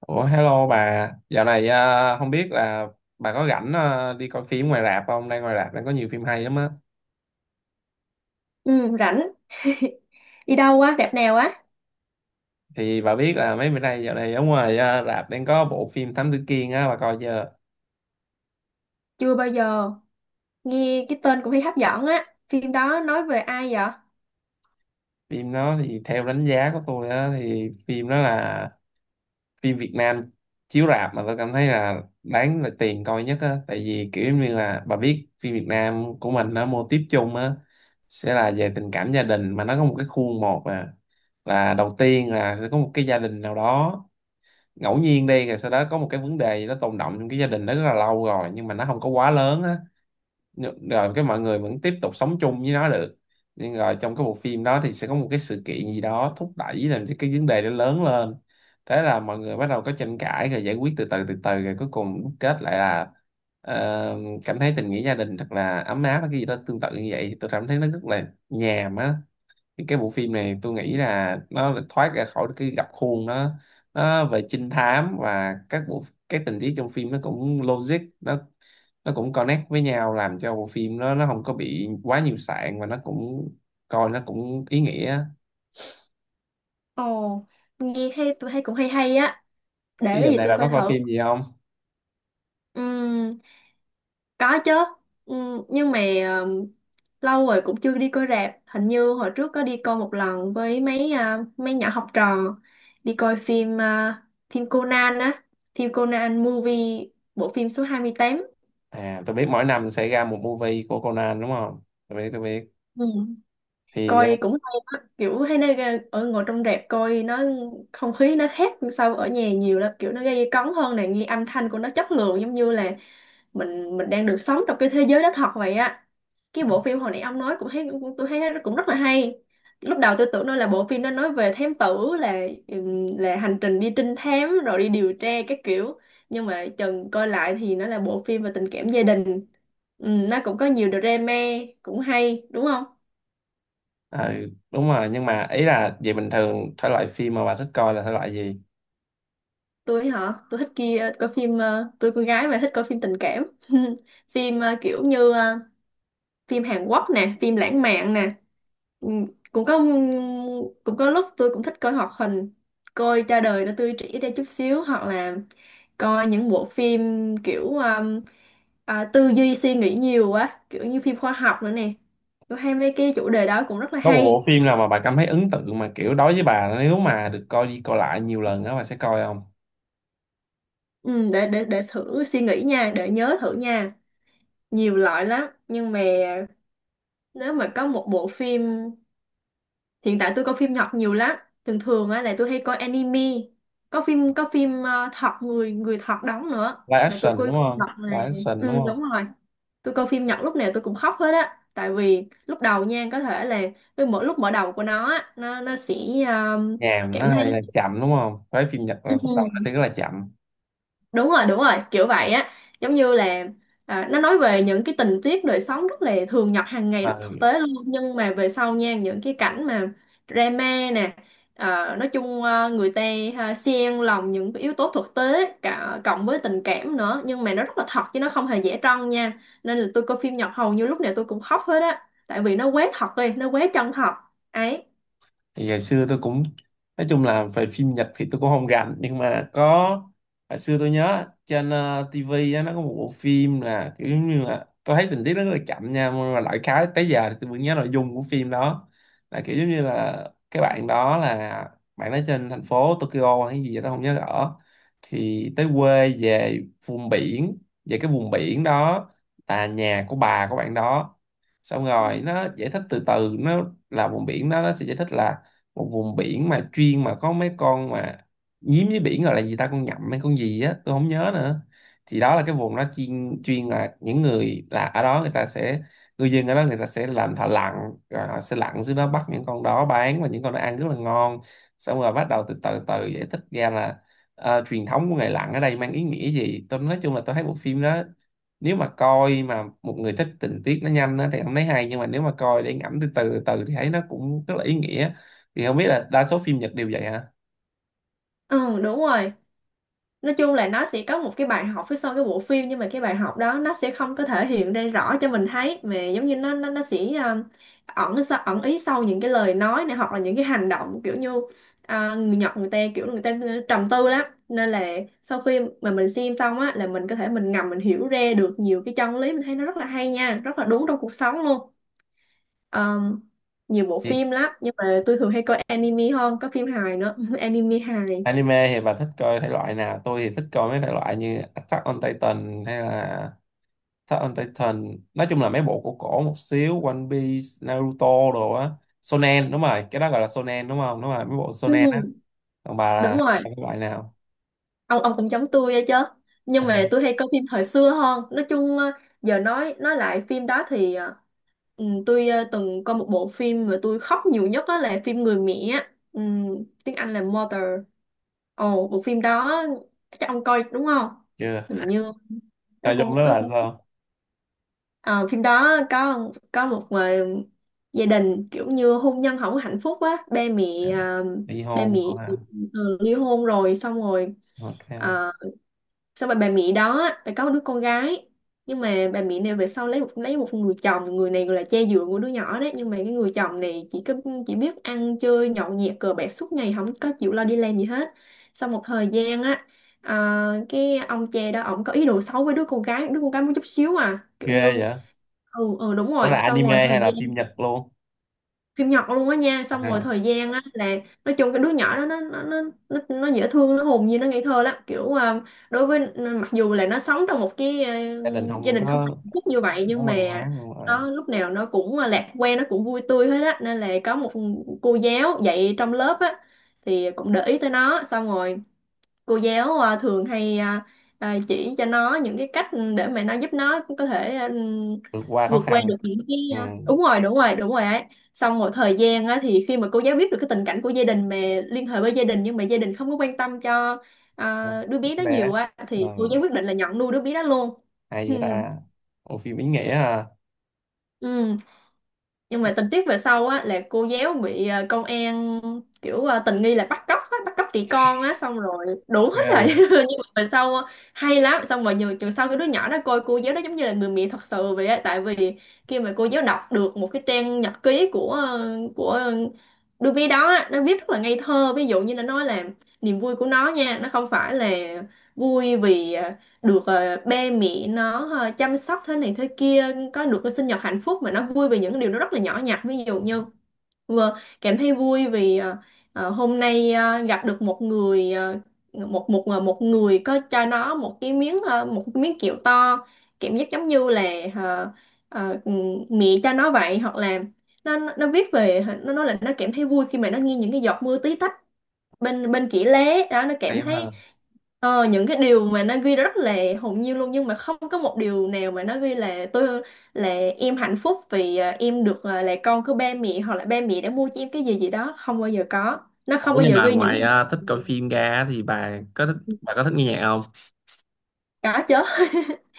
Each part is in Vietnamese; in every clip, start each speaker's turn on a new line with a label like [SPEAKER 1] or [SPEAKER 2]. [SPEAKER 1] Ủa, hello bà, dạo này không biết là bà có rảnh, đi coi phim ngoài rạp không? Đang ngoài rạp đang có nhiều phim hay lắm á.
[SPEAKER 2] Ừ, rảnh. Đi đâu á, rạp nào á?
[SPEAKER 1] Thì bà biết là mấy bữa nay dạo này ở ngoài, rạp đang có bộ phim Thám Tử Kiên á, bà coi chưa?
[SPEAKER 2] Chưa bao giờ. Nghe cái tên cũng thấy hấp dẫn á. Phim đó nói về ai vậy?
[SPEAKER 1] Phim đó thì theo đánh giá của tôi á thì phim đó là phim Việt Nam chiếu rạp mà tôi cảm thấy là đáng là tiền coi nhất á, tại vì kiểu như là bà biết phim Việt Nam của mình nó mô típ chung á sẽ là về tình cảm gia đình, mà nó có một cái khuôn, một à là đầu tiên là sẽ có một cái gia đình nào đó ngẫu nhiên đi, rồi sau đó có một cái vấn đề gì đó tồn đọng trong cái gia đình đó rất là lâu rồi nhưng mà nó không có quá lớn á, rồi cái mọi người vẫn tiếp tục sống chung với nó được, nhưng rồi trong cái bộ phim đó thì sẽ có một cái sự kiện gì đó thúc đẩy làm cho cái vấn đề nó lớn lên. Thế là mọi người bắt đầu có tranh cãi rồi giải quyết từ từ từ từ, rồi cuối cùng đúc kết lại là ờ, cảm thấy tình nghĩa gia đình thật là ấm áp hay cái gì đó tương tự như vậy, tôi cảm thấy nó rất là nhàm á. Thì cái bộ phim này tôi nghĩ là nó thoát ra khỏi cái gập khuôn, nó về trinh thám, và các bộ các tình tiết trong phim nó cũng logic, nó cũng connect với nhau, làm cho bộ phim nó không có bị quá nhiều sạn, và nó cũng coi nó cũng ý nghĩa.
[SPEAKER 2] Ồ, nghe hay, tôi hay cũng hay hay á. Để
[SPEAKER 1] Cái giờ
[SPEAKER 2] cái gì
[SPEAKER 1] này
[SPEAKER 2] tôi
[SPEAKER 1] bà có
[SPEAKER 2] coi
[SPEAKER 1] coi
[SPEAKER 2] thử.
[SPEAKER 1] phim gì không?
[SPEAKER 2] Ừm, có chứ. Nhưng mà ừm, lâu rồi cũng chưa đi coi rạp. Hình như hồi trước có đi coi một lần với mấy nhỏ học trò, đi coi phim Conan á, phim Conan movie, bộ phim số 28.
[SPEAKER 1] À, tôi biết mỗi năm sẽ ra một movie của Conan đúng không, tôi biết.
[SPEAKER 2] Ừ,
[SPEAKER 1] Thì
[SPEAKER 2] coi cũng hay đó. Kiểu hay, ở ngồi trong rạp coi, nó không khí nó khác so ở nhà nhiều lắm, kiểu nó gây cấn hơn, này nghe âm thanh của nó chất lượng giống như là mình đang được sống trong cái thế giới đó thật vậy á. Cái bộ phim hồi nãy ông nói cũng thấy tôi thấy nó cũng rất là hay. Lúc đầu tôi tưởng nó là bộ phim nó nói về thám tử, là hành trình đi trinh thám rồi đi điều tra các kiểu, nhưng mà chừng coi lại thì nó là bộ phim về tình cảm gia đình. Nó cũng có nhiều drama, cũng hay đúng không.
[SPEAKER 1] ờ, đúng rồi, nhưng mà ý là về bình thường thể loại phim mà bà thích coi là thể loại gì?
[SPEAKER 2] Tôi hả, tôi thích kia coi phim, tôi con gái mà, thích coi phim tình cảm. Phim, kiểu như, phim Hàn Quốc nè, phim lãng mạn nè. Ừ, cũng có ừ, cũng có lúc tôi cũng thích coi hoạt hình, coi cho đời nó tươi trẻ ra chút xíu, hoặc là coi những bộ phim kiểu tư duy suy nghĩ nhiều quá, kiểu như phim khoa học nữa nè. Tôi hay mấy cái chủ đề đó cũng rất là
[SPEAKER 1] Có một bộ
[SPEAKER 2] hay.
[SPEAKER 1] phim nào mà bà cảm thấy ấn tượng mà kiểu đối với bà, nếu mà được coi đi coi lại nhiều lần đó bà sẽ coi không?
[SPEAKER 2] Ừ, để thử suy nghĩ nha, để nhớ thử nha. Nhiều loại lắm, nhưng mà nếu mà có một bộ phim, hiện tại tôi coi phim Nhật nhiều lắm. Thường thường á là tôi hay coi anime. Có phim thật, người người thật đóng nữa.
[SPEAKER 1] Live
[SPEAKER 2] Mà tôi
[SPEAKER 1] action đúng
[SPEAKER 2] coi phim
[SPEAKER 1] không,
[SPEAKER 2] Nhật này.
[SPEAKER 1] live action đúng
[SPEAKER 2] Ừ,
[SPEAKER 1] không?
[SPEAKER 2] đúng rồi. Tôi coi phim Nhật lúc nào tôi cũng khóc hết á. Tại vì lúc đầu nha, có thể là cái mỗi lúc mở đầu của nó á, nó sẽ, ờ,
[SPEAKER 1] Nhàm, nó
[SPEAKER 2] cảm thấy.
[SPEAKER 1] hơi chậm đúng không, với phim Nhật là khúc đầu nó
[SPEAKER 2] Ừ.
[SPEAKER 1] sẽ rất là chậm.
[SPEAKER 2] Đúng rồi đúng rồi, kiểu vậy á, giống như là, nó nói về những cái tình tiết đời sống rất là thường nhật hàng ngày,
[SPEAKER 1] Ờ,
[SPEAKER 2] rất thực tế luôn, nhưng mà về sau nha, những cái cảnh mà drama nè, nói chung, người ta, xen lòng những cái yếu tố thực tế, cả cộng với tình cảm nữa, nhưng mà nó rất là thật chứ, nó không hề giả trân nha. Nên là tôi coi phim Nhật hầu như lúc nào tôi cũng khóc hết á, tại vì nó quá thật đi, nó quá chân thật ấy.
[SPEAKER 1] thì ngày xưa tôi cũng nói chung là về phim Nhật thì tôi cũng không rành, nhưng mà có hồi xưa tôi nhớ trên TV á, nó có một bộ phim là kiểu giống như là tôi thấy tình tiết nó rất là chậm nha, nhưng mà lại khá tới giờ thì tôi vẫn nhớ nội dung của phim đó, là kiểu giống như là cái bạn đó là bạn đó trên thành phố Tokyo hay gì đó không nhớ rõ, thì tới quê về vùng biển, về cái vùng biển đó là nhà của bà của bạn đó. Xong
[SPEAKER 2] Ừ,
[SPEAKER 1] rồi nó giải thích từ từ, nó là vùng biển đó nó sẽ giải thích là một vùng biển mà chuyên mà có mấy con mà nhím với biển, gọi là gì ta, con nhậm hay con gì á tôi không nhớ nữa. Thì đó là cái vùng đó chuyên chuyên là những người là ở đó người ta sẽ, người dân ở đó người ta sẽ làm thợ lặn, rồi họ sẽ lặn xuống đó bắt những con đó bán, và những con đó ăn rất là ngon. Xong rồi bắt đầu từ từ từ giải thích ra là truyền thống của nghề lặn ở đây mang ý nghĩa gì. Tôi nói chung là tôi thấy bộ phim đó, nếu mà coi mà một người thích tình tiết nó nhanh á thì không thấy hay, nhưng mà nếu mà coi để ngẫm từ từ từ thì thấy nó cũng rất là ý nghĩa. Thì không biết là đa số phim Nhật đều vậy hả?
[SPEAKER 2] ừ đúng rồi. Nói chung là nó sẽ có một cái bài học phía sau cái bộ phim, nhưng mà cái bài học đó nó sẽ không có thể hiện ra rõ cho mình thấy, mà giống như nó sẽ, ẩn ý sau những cái lời nói này, hoặc là những cái hành động, kiểu như, người Nhật người ta kiểu người ta, trầm tư lắm, nên là sau khi mà mình xem xong á, là mình có thể mình ngầm mình hiểu ra được nhiều cái chân lý, mình thấy nó rất là hay nha, rất là đúng trong cuộc sống luôn. Ờm, Nhiều bộ
[SPEAKER 1] Thì
[SPEAKER 2] phim lắm, nhưng mà tôi thường hay coi anime hơn, có phim hài nữa. Anime hài.
[SPEAKER 1] anime thì bà thích coi thể loại nào? Tôi thì thích coi mấy thể loại như Attack on Titan hay là Attack on Titan, nói chung là mấy bộ cổ cổ một xíu, One Piece, Naruto đồ á. Shonen, đúng rồi cái đó gọi là Shonen đúng không, đúng rồi mấy bộ Shonen á.
[SPEAKER 2] Ừ,
[SPEAKER 1] Còn bà là
[SPEAKER 2] đúng
[SPEAKER 1] hay
[SPEAKER 2] rồi,
[SPEAKER 1] coi cái loại nào?
[SPEAKER 2] ông cũng giống tôi vậy chứ, nhưng mà
[SPEAKER 1] À,
[SPEAKER 2] tôi hay coi phim thời xưa hơn. Nói chung, giờ nói lại phim đó thì, tôi, từng coi một bộ phim mà tôi khóc nhiều nhất, đó là phim Người Mẹ á. Ừ, tiếng Anh là Mother. Ồ, bộ phim đó chắc ông coi đúng không?
[SPEAKER 1] chưa,
[SPEAKER 2] Hình như nó
[SPEAKER 1] nội
[SPEAKER 2] cũng
[SPEAKER 1] dung đó
[SPEAKER 2] nó
[SPEAKER 1] là
[SPEAKER 2] cũng
[SPEAKER 1] sao?
[SPEAKER 2] Ờ, phim đó có một, gia đình kiểu như hôn nhân không có hạnh phúc á, ba mẹ
[SPEAKER 1] Dạ.
[SPEAKER 2] ờ,
[SPEAKER 1] Ly
[SPEAKER 2] ba
[SPEAKER 1] hôn
[SPEAKER 2] mẹ
[SPEAKER 1] hả? À,
[SPEAKER 2] ly hôn rồi. Xong rồi,
[SPEAKER 1] ok.
[SPEAKER 2] ờ, xong rồi bà Mỹ đó á, là có một đứa con gái, nhưng mà bà Mỹ này về sau lấy một người chồng, người này gọi là cha dượng của đứa nhỏ đấy, nhưng mà cái người chồng này chỉ biết ăn chơi nhậu nhẹt cờ bạc suốt ngày, không có chịu lo đi làm gì hết. Sau một thời gian á, cái ông cha đó ổng có ý đồ xấu với đứa con gái một chút xíu, à kiểu
[SPEAKER 1] Ghê
[SPEAKER 2] như.
[SPEAKER 1] vậy.
[SPEAKER 2] Ừ ừ đúng
[SPEAKER 1] Ủa
[SPEAKER 2] rồi,
[SPEAKER 1] là
[SPEAKER 2] xong
[SPEAKER 1] anime
[SPEAKER 2] rồi thời
[SPEAKER 1] hay là phim
[SPEAKER 2] gian,
[SPEAKER 1] Nhật luôn?
[SPEAKER 2] phim Nhật luôn á nha, xong rồi
[SPEAKER 1] À,
[SPEAKER 2] thời gian á là, nói chung cái đứa nhỏ đó nó dễ thương, nó hồn nhiên, nó ngây thơ lắm, kiểu, đối với, mặc dù là nó sống trong một cái,
[SPEAKER 1] gia đình
[SPEAKER 2] gia
[SPEAKER 1] không
[SPEAKER 2] đình không
[SPEAKER 1] có,
[SPEAKER 2] hạnh phúc như vậy,
[SPEAKER 1] có
[SPEAKER 2] nhưng mà
[SPEAKER 1] văn hóa, nhưng mà
[SPEAKER 2] nó lúc nào nó cũng, lạc quan, nó cũng vui tươi hết á. Nên là có một cô giáo dạy trong lớp á, thì cũng để ý tới nó, xong rồi cô giáo, thường hay, chỉ cho nó những cái cách để mà nó giúp nó có thể,
[SPEAKER 1] vượt qua khó
[SPEAKER 2] vượt qua
[SPEAKER 1] khăn.
[SPEAKER 2] được những cái,
[SPEAKER 1] Ừ.
[SPEAKER 2] đúng rồi đúng rồi đúng rồi ấy. Xong rồi thời gian á, thì khi mà cô giáo biết được cái tình cảnh của gia đình, mà liên hệ với gia đình, nhưng mà gia đình không có quan tâm cho,
[SPEAKER 1] Con
[SPEAKER 2] đứa bé đó
[SPEAKER 1] bé.
[SPEAKER 2] nhiều á,
[SPEAKER 1] Ừ.
[SPEAKER 2] thì cô giáo quyết định là nhận nuôi đứa bé đó luôn.
[SPEAKER 1] Hay vậy ta. Ủa phim ý nghĩa à.
[SPEAKER 2] Ừ. Nhưng mà tình tiết về sau á, là cô giáo bị, công an kiểu, tình nghi là bắt cóc á, bắt cóc trẻ con á, xong rồi đủ hết
[SPEAKER 1] Ghê
[SPEAKER 2] rồi.
[SPEAKER 1] vậy.
[SPEAKER 2] Nhưng mà về sau, hay lắm. Xong rồi nhiều trường sau, cái đứa nhỏ đó coi cô giáo đó giống như là người mẹ thật sự vậy á, tại vì khi mà cô giáo đọc được một cái trang nhật ký của đứa bé đó á, nó viết rất là ngây thơ, ví dụ như là nói là niềm vui của nó nha, nó không phải là vui vì, được, ba mẹ nó, chăm sóc thế này thế kia, có được cái sinh nhật hạnh phúc, mà nó vui về những cái điều nó rất là nhỏ nhặt, ví dụ như vừa cảm thấy vui vì, hôm nay, gặp được một người có cho nó một cái miếng kẹo to, cảm giác giống như là, ờ, ờ, mẹ cho nó vậy. Hoặc là nó viết về, nó nói là nó cảm thấy vui khi mà nó nghe những cái giọt mưa tí tách bên bên kỹ lế đó, nó cảm
[SPEAKER 1] Hay quá
[SPEAKER 2] thấy,
[SPEAKER 1] ha.
[SPEAKER 2] những cái điều mà nó ghi rất là hồn nhiên luôn, nhưng mà không có một điều nào mà nó ghi là tôi là em hạnh phúc vì, em được, là con của ba mẹ, hoặc là ba mẹ đã mua cho em cái gì gì đó, không bao giờ có, nó không
[SPEAKER 1] Ủa
[SPEAKER 2] bao
[SPEAKER 1] nhưng
[SPEAKER 2] giờ
[SPEAKER 1] mà
[SPEAKER 2] ghi những
[SPEAKER 1] ngoài,
[SPEAKER 2] cái
[SPEAKER 1] thích
[SPEAKER 2] điều
[SPEAKER 1] coi
[SPEAKER 2] này.
[SPEAKER 1] phim ra thì bà có thích nghe nhạc không?
[SPEAKER 2] Có chứ.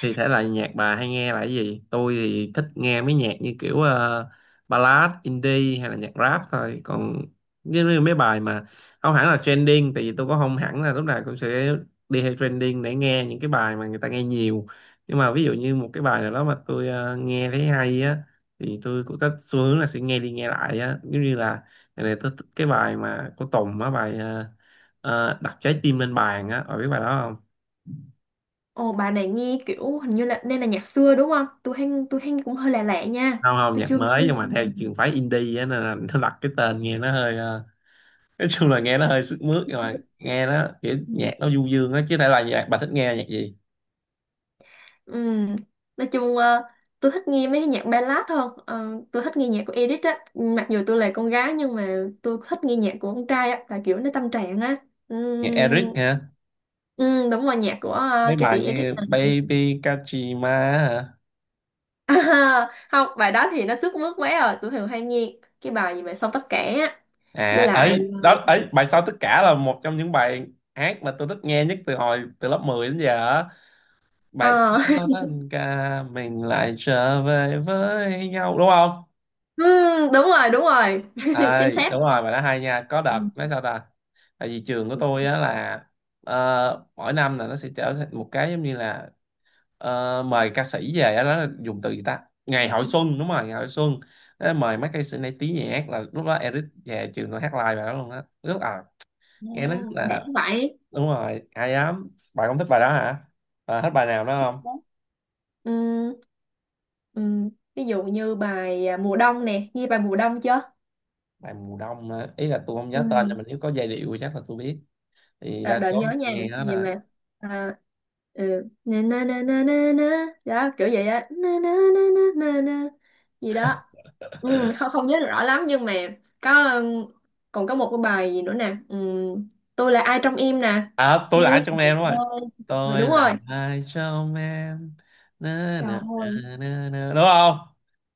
[SPEAKER 1] Thì thể loại nhạc bà hay nghe là cái gì? Tôi thì thích nghe mấy nhạc như kiểu ballad, indie hay là nhạc rap thôi, còn như như mấy bài mà không hẳn là trending, tại vì tôi cũng không hẳn là lúc nào cũng sẽ đi theo trending để nghe những cái bài mà người ta nghe nhiều, nhưng mà ví dụ như một cái bài nào đó mà tôi nghe thấy hay á thì tôi cũng có xu hướng là sẽ nghe đi nghe lại á, giống như là ngày này tôi thích cái bài mà của Tùng á, bài đặt trái tim lên bàn á, bà biết bài đó không?
[SPEAKER 2] Ồ, bà này nghe kiểu hình như là nên là nhạc xưa đúng không? Tôi hay cũng hơi lạ lạ nha.
[SPEAKER 1] Không không,
[SPEAKER 2] Tôi
[SPEAKER 1] nhạc
[SPEAKER 2] chưa
[SPEAKER 1] mới
[SPEAKER 2] nghe
[SPEAKER 1] nhưng mà theo
[SPEAKER 2] nhưng
[SPEAKER 1] trường phái indie á, nên là nó đặt cái tên nghe nó hơi nói chung là nghe nó hơi sức mướt, nhưng mà nghe nó kiểu
[SPEAKER 2] mà.
[SPEAKER 1] nhạc nó du dương á chứ, thể là nhạc bà thích nghe nhạc gì?
[SPEAKER 2] Ừm, Nói chung, tôi thích nghe mấy cái nhạc ballad hơn. Ờ, tôi thích nghe nhạc của Edith á, mặc dù tôi là con gái nhưng mà tôi thích nghe nhạc của con trai á, là kiểu nó tâm trạng á.
[SPEAKER 1] Nhạc Eric
[SPEAKER 2] Ừm,
[SPEAKER 1] hả,
[SPEAKER 2] đúng rồi, nhạc của,
[SPEAKER 1] mấy
[SPEAKER 2] ca
[SPEAKER 1] bài
[SPEAKER 2] sĩ Edith
[SPEAKER 1] như Baby Kajima, hả?
[SPEAKER 2] không, bài đó thì nó sức mướt quá rồi. Tôi thường hay nghe cái bài gì mà xong tất cả á, với
[SPEAKER 1] À,
[SPEAKER 2] lại,
[SPEAKER 1] ấy đó ấy, bài sau tất cả là một trong những bài hát mà tôi thích nghe nhất từ hồi từ lớp 10 đến giờ á. Bài
[SPEAKER 2] ờ,
[SPEAKER 1] sau tất cả mình lại trở về với nhau đúng không?
[SPEAKER 2] đúng rồi đúng rồi.
[SPEAKER 1] À,
[SPEAKER 2] Chính xác.
[SPEAKER 1] đúng rồi, mà nó hay nha, có đợt
[SPEAKER 2] Ừ.
[SPEAKER 1] nói sao ta, tại vì trường của tôi á là mỗi năm là nó sẽ trở thành một cái giống như là mời ca sĩ về á, đó là dùng từ gì ta, ngày hội xuân, đúng rồi ngày hội xuân. Nó mời mấy ca sĩ nổi tiếng nhà hát, là lúc đó Eric về trường tôi hát live bài đó luôn á, rất à nghe nó rất
[SPEAKER 2] Ồ, để
[SPEAKER 1] là,
[SPEAKER 2] vậy.
[SPEAKER 1] đúng rồi hay lắm, bạn không thích bài đó hả? Bạn thích bài nào đó không?
[SPEAKER 2] Ừ. Ừ. Ví dụ như bài, mùa đông nè, nghe bài mùa đông chưa?
[SPEAKER 1] Bài mùa đông á, ý là tôi không
[SPEAKER 2] Ừ.
[SPEAKER 1] nhớ tên, nhưng mà nếu có giai điệu thì chắc là tôi biết. Thì
[SPEAKER 2] À,
[SPEAKER 1] đa
[SPEAKER 2] đợi
[SPEAKER 1] số
[SPEAKER 2] nhớ nha,
[SPEAKER 1] nghe đó.
[SPEAKER 2] gì mà, à, ừ. Na na na na na na đó, kiểu vậy á, na na na na na na gì đó. Ừ, không không nhớ rõ lắm nhưng mà có, còn có một cái bài gì nữa nè, ừ. Tôi là ai trong em nè,
[SPEAKER 1] À, tôi là
[SPEAKER 2] nếu
[SPEAKER 1] ai trong em, đúng rồi. Tôi
[SPEAKER 2] đúng
[SPEAKER 1] là
[SPEAKER 2] rồi.
[SPEAKER 1] ai trong em. Na,
[SPEAKER 2] Trời
[SPEAKER 1] na, na,
[SPEAKER 2] ơi.
[SPEAKER 1] na, na. Đúng không?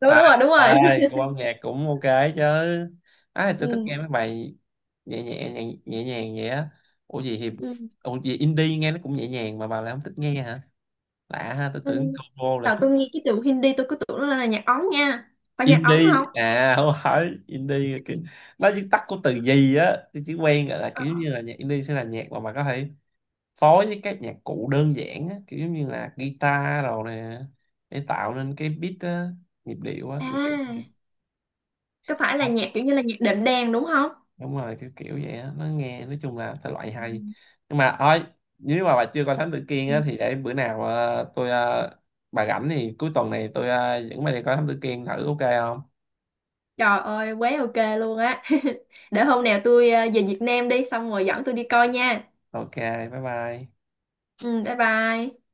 [SPEAKER 2] Đúng
[SPEAKER 1] À,
[SPEAKER 2] đúng rồi đúng rồi.
[SPEAKER 1] ai, cô âm nhạc cũng ok chứ. À, tôi thích
[SPEAKER 2] Ừ.
[SPEAKER 1] nghe mấy bài nhẹ nhẹ nhẹ, nhẹ nhàng vậy á. Ủa gì thì,
[SPEAKER 2] Ừ.
[SPEAKER 1] ủa gì indie nghe nó cũng nhẹ nhàng mà bà lại không thích nghe hả? Lạ ha, tôi
[SPEAKER 2] Ừ.
[SPEAKER 1] tưởng cô là
[SPEAKER 2] Đầu
[SPEAKER 1] thích
[SPEAKER 2] tôi nghe cái từ Hindi tôi cứ tưởng nó là nhạc Ấn nha, phải nhạc Ấn
[SPEAKER 1] indie.
[SPEAKER 2] không?
[SPEAKER 1] À, không, phải indie là kiểu nó viết tắt của từ gì á. Tôi chỉ quen gọi là kiểu như là nhạc indie sẽ là nhạc mà bà có thể phối với các nhạc cụ đơn giản á, kiểu giống như là guitar rồi nè, để tạo nên cái beat á, nhịp điệu á kiểu.
[SPEAKER 2] À, có phải là nhạc kiểu như là nhạc đệm đàn đúng không?
[SPEAKER 1] Đúng rồi kiểu kiểu vậy á, nó nghe nói chung là thể loại hay, nhưng mà thôi, nếu mà bà chưa coi Thám Tử Kiên
[SPEAKER 2] Ừ.
[SPEAKER 1] á thì để bữa nào tôi bà rảnh thì cuối tuần này tôi dẫn bà đi coi Thám Tử Kiên thử, ok không?
[SPEAKER 2] Trời ơi, quá ok luôn á. Để hôm nào tôi, về Việt Nam đi, xong rồi dẫn tôi đi coi nha.
[SPEAKER 1] Ok, bye bye.
[SPEAKER 2] Ừ, bye bye.